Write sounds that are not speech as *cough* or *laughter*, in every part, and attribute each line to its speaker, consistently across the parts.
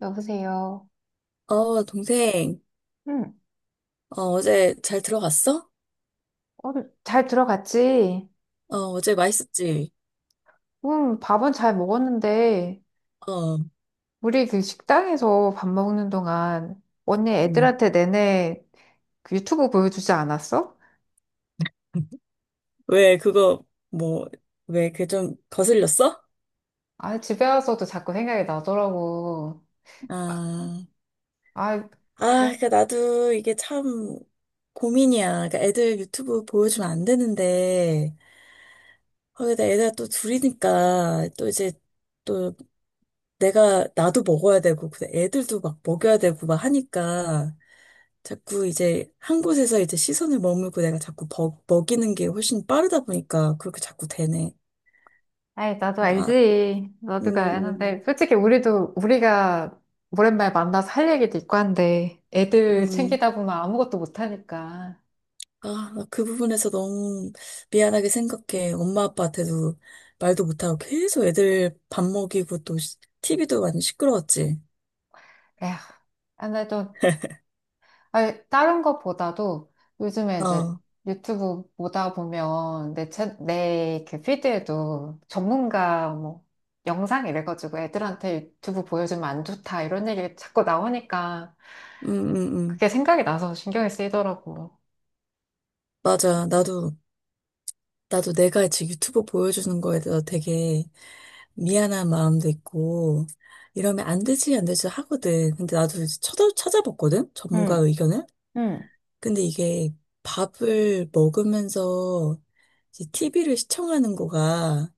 Speaker 1: 여보세요.
Speaker 2: 어, 동생,
Speaker 1: 응,
Speaker 2: 어, 어제 잘 들어갔어?
Speaker 1: 어, 잘 들어갔지?
Speaker 2: 어, 어제 맛있었지?
Speaker 1: 응, 밥은 잘 먹었는데,
Speaker 2: 어,
Speaker 1: 우리 그 식당에서 밥 먹는 동안 언니
Speaker 2: 음.
Speaker 1: 애들한테 내내 그 유튜브 보여주지 않았어?
Speaker 2: *laughs* 왜, 그거, 뭐, 왜, 그 좀 거슬렸어?
Speaker 1: 아, 집에 와서도 자꾸 생각이 나더라고. 아,
Speaker 2: 아,
Speaker 1: 아,
Speaker 2: 아,
Speaker 1: 뭐?
Speaker 2: 그니까 나도 이게 참 고민이야. 그니까 애들 유튜브 보여주면 안 되는데, 거기다 애들 또 둘이니까, 또 이제, 또 나도 먹어야 되고, 근데 애들도 막 먹여야 되고, 막 하니까, 자꾸 이제 한 곳에서 이제 시선을 머물고 내가 자꾸 먹이는 게 훨씬 빠르다 보니까 그렇게 자꾸 되네.
Speaker 1: 아이, 나도
Speaker 2: 나,
Speaker 1: 알지.
Speaker 2: 음,
Speaker 1: 나도
Speaker 2: 음,
Speaker 1: 아는데. 솔직히 우리도, 우리가 오랜만에 만나서 할 얘기도 있고 한데, 애들
Speaker 2: 음.
Speaker 1: 챙기다 보면 아무것도 못하니까.
Speaker 2: 아, 나그 부분에서 너무 미안하게 생각해. 엄마 아빠한테도 말도 못하고 계속 애들 밥 먹이고 또 TV도 많이 시끄러웠지.
Speaker 1: 에휴, 아, 나도 아니, 다른 것보다도 요즘에 이제
Speaker 2: 어,
Speaker 1: 유튜브 보다 보면 내그 피드에도 전문가 뭐 영상 이래가지고 애들한테 유튜브 보여주면 안 좋다 이런 얘기 자꾸 나오니까
Speaker 2: 음, 음, 음.
Speaker 1: 그게 생각이 나서 신경이 쓰이더라고.
Speaker 2: 맞아. 나도 내가 지금 유튜브 보여주는 거에 대해서 되게 미안한 마음도 있고, 이러면 안 되지, 안 되지 하거든. 근데 나도 이제 찾아봤거든? 전문가
Speaker 1: 응,
Speaker 2: 의견을?
Speaker 1: 응.
Speaker 2: 근데 이게 밥을 먹으면서 이제 TV를 시청하는 거가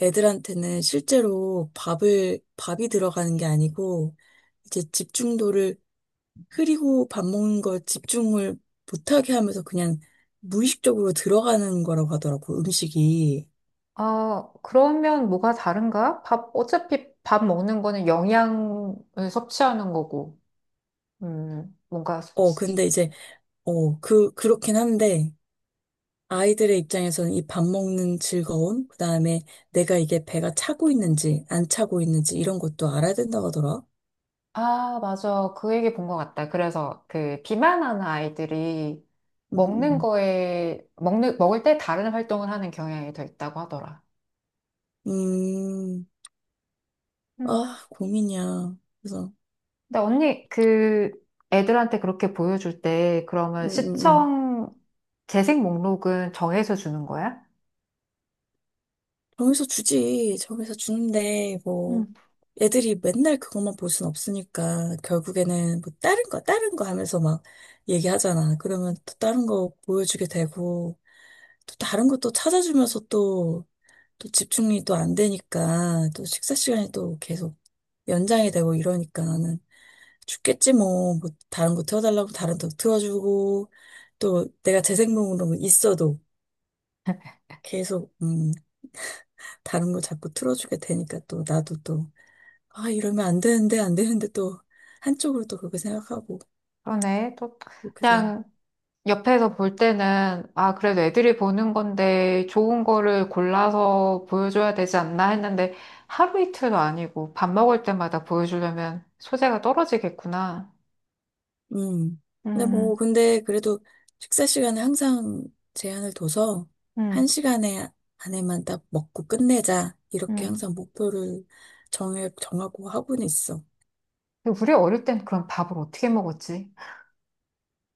Speaker 2: 애들한테는 실제로 밥이 들어가는 게 아니고, 이제 집중도를 흐리고 밥 먹는 걸 집중을 못하게 하면서 그냥 무의식적으로 들어가는 거라고 하더라고, 음식이.
Speaker 1: 아, 그러면 뭐가 다른가? 밥, 어차피 밥 먹는 거는 영양을 섭취하는 거고, 뭔가
Speaker 2: 어, 근데 이제, 어, 그, 그렇긴 한데, 아이들의 입장에서는 이 밥 먹는 즐거움, 그다음에 내가 이게 배가 차고 있는지 안 차고 있는지 이런 것도 알아야 된다고 하더라.
Speaker 1: 아, 맞아. 그 얘기 본 것 같다. 그래서 그 비만하는 아이들이 먹는
Speaker 2: 음,
Speaker 1: 거에, 먹는, 먹을 때 다른 활동을 하는 경향이 더 있다고 하더라.
Speaker 2: 음, 음.
Speaker 1: 음.
Speaker 2: 아, 고민이야. 그래서,
Speaker 1: 근데 언니, 그 애들한테 그렇게 보여줄 때
Speaker 2: 음,
Speaker 1: 그러면
Speaker 2: 음, 음.
Speaker 1: 시청 재생 목록은 정해서 주는 거야?
Speaker 2: 정해서 주지. 정해서 주는데, 뭐,
Speaker 1: 음.
Speaker 2: 애들이 맨날 그것만 볼 순 없으니까, 결국에는 뭐, 다른 거, 다른 거 하면서 막 얘기하잖아. 그러면 또 다른 거 보여주게 되고, 또 다른 것도 찾아주면서 또, 또 집중이 또 안 되니까 또 식사 시간이 또 계속 연장이 되고 이러니까 나는 죽겠지 뭐, 뭐 다른 거 틀어달라고 다른 거 틀어주고 또 내가 재생목으로 있어도 계속 다른 거 자꾸 틀어주게 되니까 또 나도 또 아 이러면 안 되는데 안 되는데 또 한쪽으로 또 그렇게 생각하고
Speaker 1: 그러네. 또
Speaker 2: 이렇게
Speaker 1: 그냥 옆에서 볼 때는, 아, 그래도 애들이 보는 건데 좋은 거를 골라서 보여줘야 되지 않나 했는데 하루 이틀도 아니고 밥 먹을 때마다 보여주려면 소재가 떨어지겠구나.
Speaker 2: 음. 근데 뭐,
Speaker 1: 음,
Speaker 2: 근데 그래도 식사 시간에 항상 제한을 둬서 한
Speaker 1: 음,
Speaker 2: 시간에 안에만 딱 먹고 끝내자. 이렇게
Speaker 1: 음.
Speaker 2: 항상 목표를 정하고 하고는 있어.
Speaker 1: 우리 어릴 땐 그럼 밥을 어떻게 먹었지?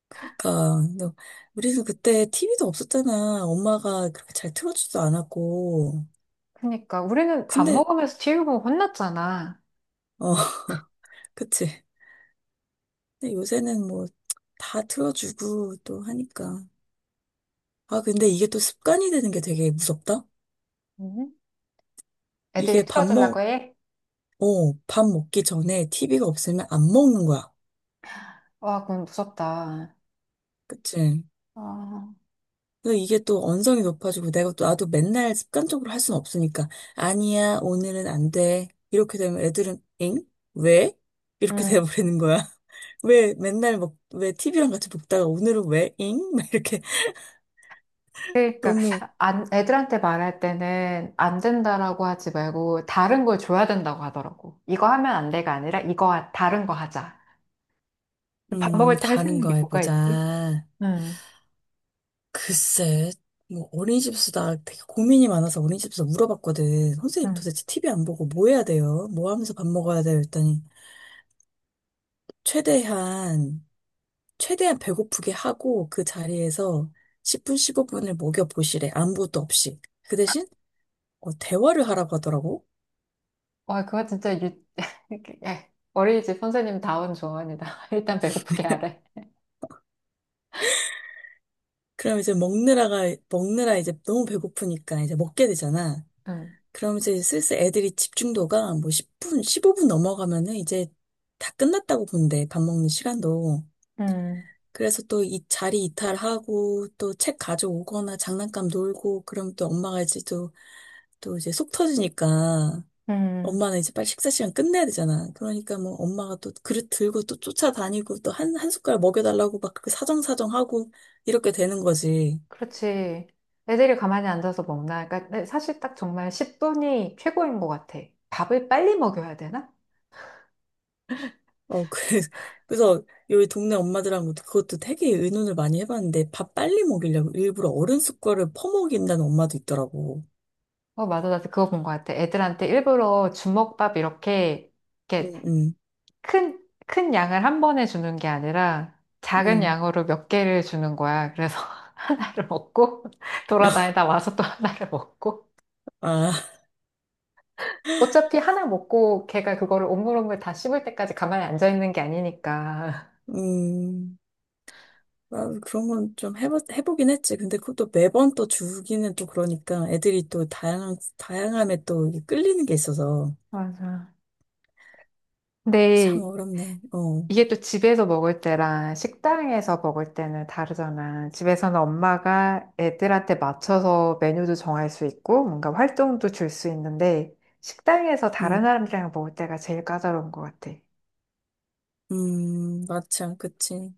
Speaker 2: 그러니까, 너- 우리는 그때 TV도 없었잖아. 엄마가 그렇게 잘 틀어주지도 않았고.
Speaker 1: 그러니까 우리는 밥
Speaker 2: 근데,
Speaker 1: 먹으면서 TV 보고 혼났잖아.
Speaker 2: 어, *laughs* 그치. 근데 요새는 뭐, 다 틀어주고 또 하니까. 아, 근데 이게 또 습관이 되는 게 되게 무섭다?
Speaker 1: 음. 애들이
Speaker 2: 이게
Speaker 1: 틀어주려고 해?
Speaker 2: 밥 먹기 전에 TV가 없으면 안 먹는 거야.
Speaker 1: 와, 그건 무섭다.
Speaker 2: 그치?
Speaker 1: 아,
Speaker 2: 그래서 이게 또 언성이 높아지고 내가 또 나도 맨날 습관적으로 할 수는 없으니까 아니야, 오늘은 안 돼. 이렇게 되면 애들은 엥? 왜? 이렇게
Speaker 1: 음.
Speaker 2: 돼버리는 거야. *laughs* 왜 TV랑 같이 먹다가 오늘은 왜 잉? *laughs* 막 이렇게
Speaker 1: 그러니까
Speaker 2: 너무
Speaker 1: 안, 애들한테 말할 때는 안 된다라고 하지 말고 다른 걸 줘야 된다고 하더라고. 이거 하면 안 돼가 아니라 다른 거 하자. 밥 먹을 때 할 수
Speaker 2: 다른
Speaker 1: 있는
Speaker 2: 거
Speaker 1: 게 뭐가 있지?
Speaker 2: 해보자.
Speaker 1: 응,
Speaker 2: 글쎄, 뭐 어린이집에서 되게 고민이 많아서 어린이집에서 물어봤거든. 선생님
Speaker 1: 응.
Speaker 2: 도대체 TV 안 보고 뭐 해야 돼요? 뭐 하면서 밥 먹어야 돼요? 했더니 최대한, 최대한 배고프게 하고 그 자리에서 10분, 15분을 먹여보시래. 아무것도 없이. 그 대신, 어, 대화를 하라고 하더라고.
Speaker 1: 와, 그거 진짜 유... *laughs* 예, 어린이집 선생님 다운 조언이다. *laughs* 일단 배고프게 하래.
Speaker 2: 그럼 이제 먹느라 이제 너무 배고프니까 이제 먹게 되잖아.
Speaker 1: 응,
Speaker 2: 그럼 이제 슬슬 애들이 집중도가 뭐 10분, 15분 넘어가면은 이제 다 끝났다고 본대. 밥 먹는 시간도.
Speaker 1: 응,
Speaker 2: 그래서 또 이 자리 이탈하고 또 책 가져오거나 장난감 놀고 그럼 또 엄마가 이제 또, 또 이제 속 터지니까
Speaker 1: 응.
Speaker 2: 엄마는 이제 빨리 식사 시간 끝내야 되잖아. 그러니까 뭐 엄마가 또 그릇 들고 또 쫓아다니고 또 한 숟가락 먹여달라고 막 그렇게 사정사정하고 이렇게 되는 거지.
Speaker 1: 그렇지. 애들이 가만히 앉아서 먹나? 그러니까 사실 딱 정말 10분이 최고인 것 같아. 밥을 빨리 먹여야 되나?
Speaker 2: 어, 그, *laughs* 그래서 여기 동네 엄마들하고 그것도 되게 의논을 많이 해봤는데 밥 빨리 먹이려고 일부러 어른 숟가락을 퍼먹인다는 엄마도 있더라고.
Speaker 1: 어, 맞아. 나도 그거 본 것 같아. 애들한테 일부러 주먹밥 이렇게, 이렇게
Speaker 2: 음, 음,
Speaker 1: 큰, 큰 양을 한 번에 주는 게 아니라 작은
Speaker 2: 음.
Speaker 1: 양으로 몇 개를 주는 거야. 그래서 *laughs* 하나를 먹고
Speaker 2: *laughs*
Speaker 1: 돌아다니다 와서 또 하나를 먹고.
Speaker 2: 아,
Speaker 1: 어차피 하나 먹고 걔가 그거를 오물오물 다 씹을 때까지 가만히 앉아 있는 게 아니니까.
Speaker 2: 음. 아, 그런 건 좀 해보긴 했지. 근데 그것도 매번 또 주기는 또 그러니까 애들이 또 다양함에 또 이게 끌리는 게 있어서.
Speaker 1: 맞아.
Speaker 2: 참
Speaker 1: 근데
Speaker 2: 어렵네. 어,
Speaker 1: 이게 또 집에서 먹을 때랑 식당에서 먹을 때는 다르잖아. 집에서는 엄마가 애들한테 맞춰서 메뉴도 정할 수 있고, 뭔가 활동도 줄 수 있는데, 식당에서 다른
Speaker 2: 음,
Speaker 1: 사람들이랑 먹을 때가 제일 까다로운 것 같아.
Speaker 2: 맞아, 그치.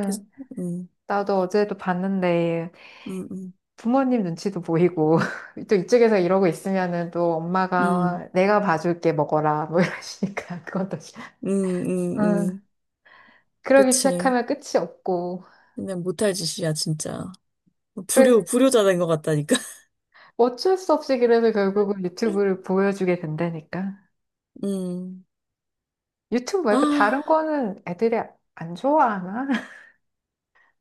Speaker 2: 계속, 음,
Speaker 1: 나도 어제도 봤는데,
Speaker 2: 음, 음,
Speaker 1: 부모님 눈치도 보이고, *laughs* 또 이쪽에서 이러고 있으면은 또
Speaker 2: 음,
Speaker 1: 엄마가 내가 봐줄게 먹어라, 뭐 이러시니까, *laughs* 그것도.
Speaker 2: 음, 음,
Speaker 1: 응.
Speaker 2: 음.
Speaker 1: 그러기
Speaker 2: 그치.
Speaker 1: 시작하면 끝이 없고.
Speaker 2: 그냥 못할 짓이야, 진짜.
Speaker 1: 그래
Speaker 2: 불효자 된 것 같다니까.
Speaker 1: 어쩔 수 없이 그래서 결국은
Speaker 2: *laughs*
Speaker 1: 유튜브를 보여주게 된다니까.
Speaker 2: 음,
Speaker 1: 유튜브 말고 다른
Speaker 2: 아,
Speaker 1: 거는 애들이 안 좋아하나? *laughs*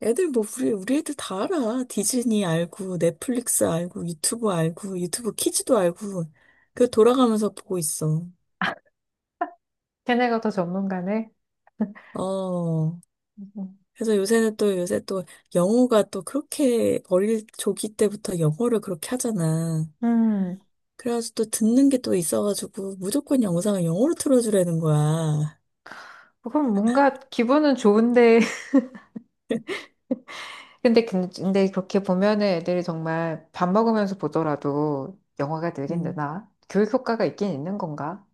Speaker 2: 애들 뭐, 우리 애들 다 알아. 디즈니 알고, 넷플릭스 알고, 유튜브 알고, 유튜브 키즈도 알고. 그 돌아가면서 보고 있어.
Speaker 1: 걔네가 더 전문가네.
Speaker 2: 어,
Speaker 1: 음,
Speaker 2: 그래서 요새는 또 요새 또 영어가 또 그렇게 어릴 조기 때부터 영어를 그렇게 하잖아.
Speaker 1: 음,
Speaker 2: 그래가지고 또 듣는 게 또 있어가지고 무조건 영상을 영어로 틀어주라는 거야.
Speaker 1: 그럼 뭔가 기분은 좋은데. *laughs* 근데, 근데 그렇게 보면은 애들이 정말 밥 먹으면서 보더라도 영화가 늘긴
Speaker 2: 음.
Speaker 1: 느나? 교육 효과가 있긴 있는 건가?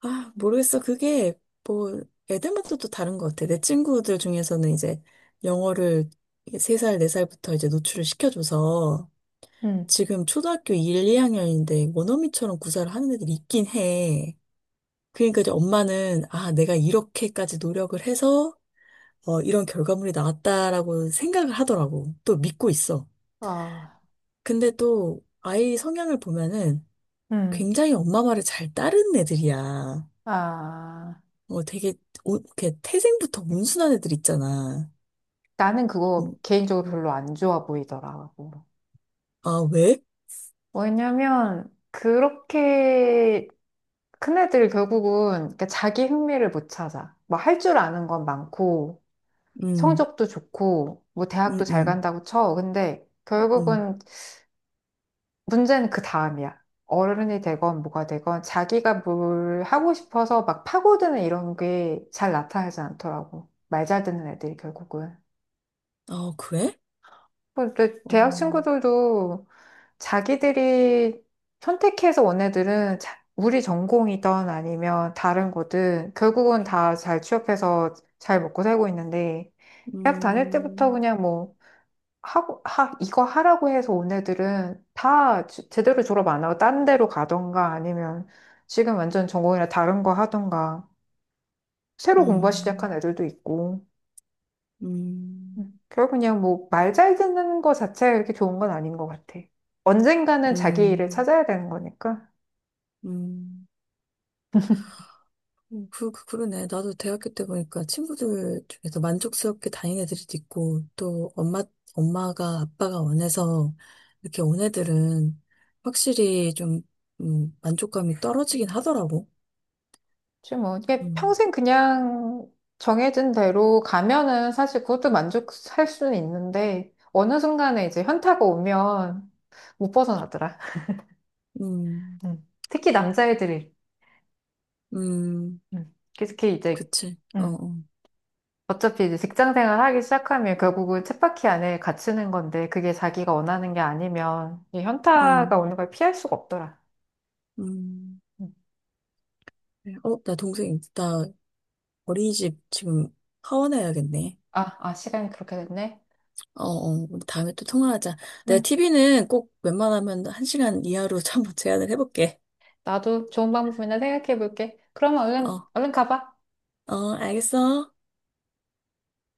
Speaker 2: 아, 모르겠어. 그게 뭐 애들마다 또 다른 것 같아. 내 친구들 중에서는 이제 영어를 3살, 4살부터 이제 노출을 시켜줘서
Speaker 1: 음,
Speaker 2: 지금 초등학교 1, 2학년인데 원어민처럼 구사를 하는 애들이 있긴 해. 그러니까 이제 엄마는 아, 내가 이렇게까지 노력을 해서 어, 이런 결과물이 나왔다라고 생각을 하더라고. 또 믿고 있어.
Speaker 1: 아,
Speaker 2: 근데 또 아이 성향을 보면은
Speaker 1: 음,
Speaker 2: 굉장히 엄마 말을 잘 따르는 애들이야.
Speaker 1: 아.
Speaker 2: 어, 되게, 오, 이렇게 태생부터 온순한 애들 있잖아.
Speaker 1: 나는 그거
Speaker 2: 음,
Speaker 1: 개인적으로 별로 안 좋아 보이더라고.
Speaker 2: 아, 왜?
Speaker 1: 왜냐면 그렇게 큰애들 결국은 이렇게 자기 흥미를 못 찾아. 뭐 할 줄 아는 건 많고,
Speaker 2: 음,
Speaker 1: 성적도 좋고, 뭐 대학도
Speaker 2: 음,
Speaker 1: 잘
Speaker 2: 음,
Speaker 1: 간다고 쳐. 근데
Speaker 2: 음.
Speaker 1: 결국은 문제는 그 다음이야. 어른이 되건 뭐가 되건 자기가 뭘 하고 싶어서 막 파고드는 이런 게 잘 나타나지 않더라고. 말 잘 듣는 애들이 결국은.
Speaker 2: 아, 그래?
Speaker 1: 근데
Speaker 2: 어,
Speaker 1: 대학 친구들도 자기들이 선택해서 온 애들은 우리 전공이든 아니면 다른 거든 결국은 다 잘 취업해서 잘 먹고 살고 있는데 대학 다닐 때부터 그냥 뭐 하고 하 이거 하라고 해서 온 애들은 다 제대로 졸업 안 하고 딴 데로 가던가 아니면 지금 완전 전공이나 다른 거 하던가 새로 공부 시작한
Speaker 2: 음,
Speaker 1: 애들도 있고
Speaker 2: 음,
Speaker 1: 결 그냥 뭐 말 잘 듣는 거 자체가 이렇게 좋은 건 아닌 것 같아. 언젠가는
Speaker 2: 음,
Speaker 1: 자기 일을
Speaker 2: 음.
Speaker 1: 찾아야 되는 거니까.
Speaker 2: 음. 그러네. 나도 대학교 때 보니까 친구들 중에서 만족스럽게 다닌 애들이 있고, 또 엄마가, 아빠가 원해서 이렇게 온 애들은 확실히 좀, 만족감이 떨어지긴 하더라고.
Speaker 1: 그치 뭐 이게
Speaker 2: 음,
Speaker 1: 평생 그냥 정해진 대로 가면은 사실 그것도 만족할 수는 있는데 어느 순간에 이제 현타가 오면 못 벗어나더라.
Speaker 2: 음,
Speaker 1: 음. 특히 남자애들이
Speaker 2: 음,
Speaker 1: 특히 이제
Speaker 2: 그치. 어,
Speaker 1: 음.
Speaker 2: 어,
Speaker 1: 어차피 이제 직장 생활 하기 시작하면 결국은 쳇바퀴 안에 갇히는 건데 그게 자기가 원하는 게 아니면 이 현타가
Speaker 2: 음,
Speaker 1: 오는 걸 피할 수가 없더라.
Speaker 2: 음.
Speaker 1: 응.
Speaker 2: 그래. 어, 나 동생, 나 어린이집 지금 하원해야겠네.
Speaker 1: 아, 아, 시간이 그렇게 됐네.
Speaker 2: 어, 어, 우리 다음에 또 통화하자. 내가
Speaker 1: 응,
Speaker 2: TV는 꼭 웬만하면 한시간 이하로 *laughs* 한번 제한을 해볼게.
Speaker 1: 나도 좋은 방법이나 생각해 볼게. 그러면 얼른,
Speaker 2: 어.
Speaker 1: 얼른 가봐.
Speaker 2: 어, 알겠어.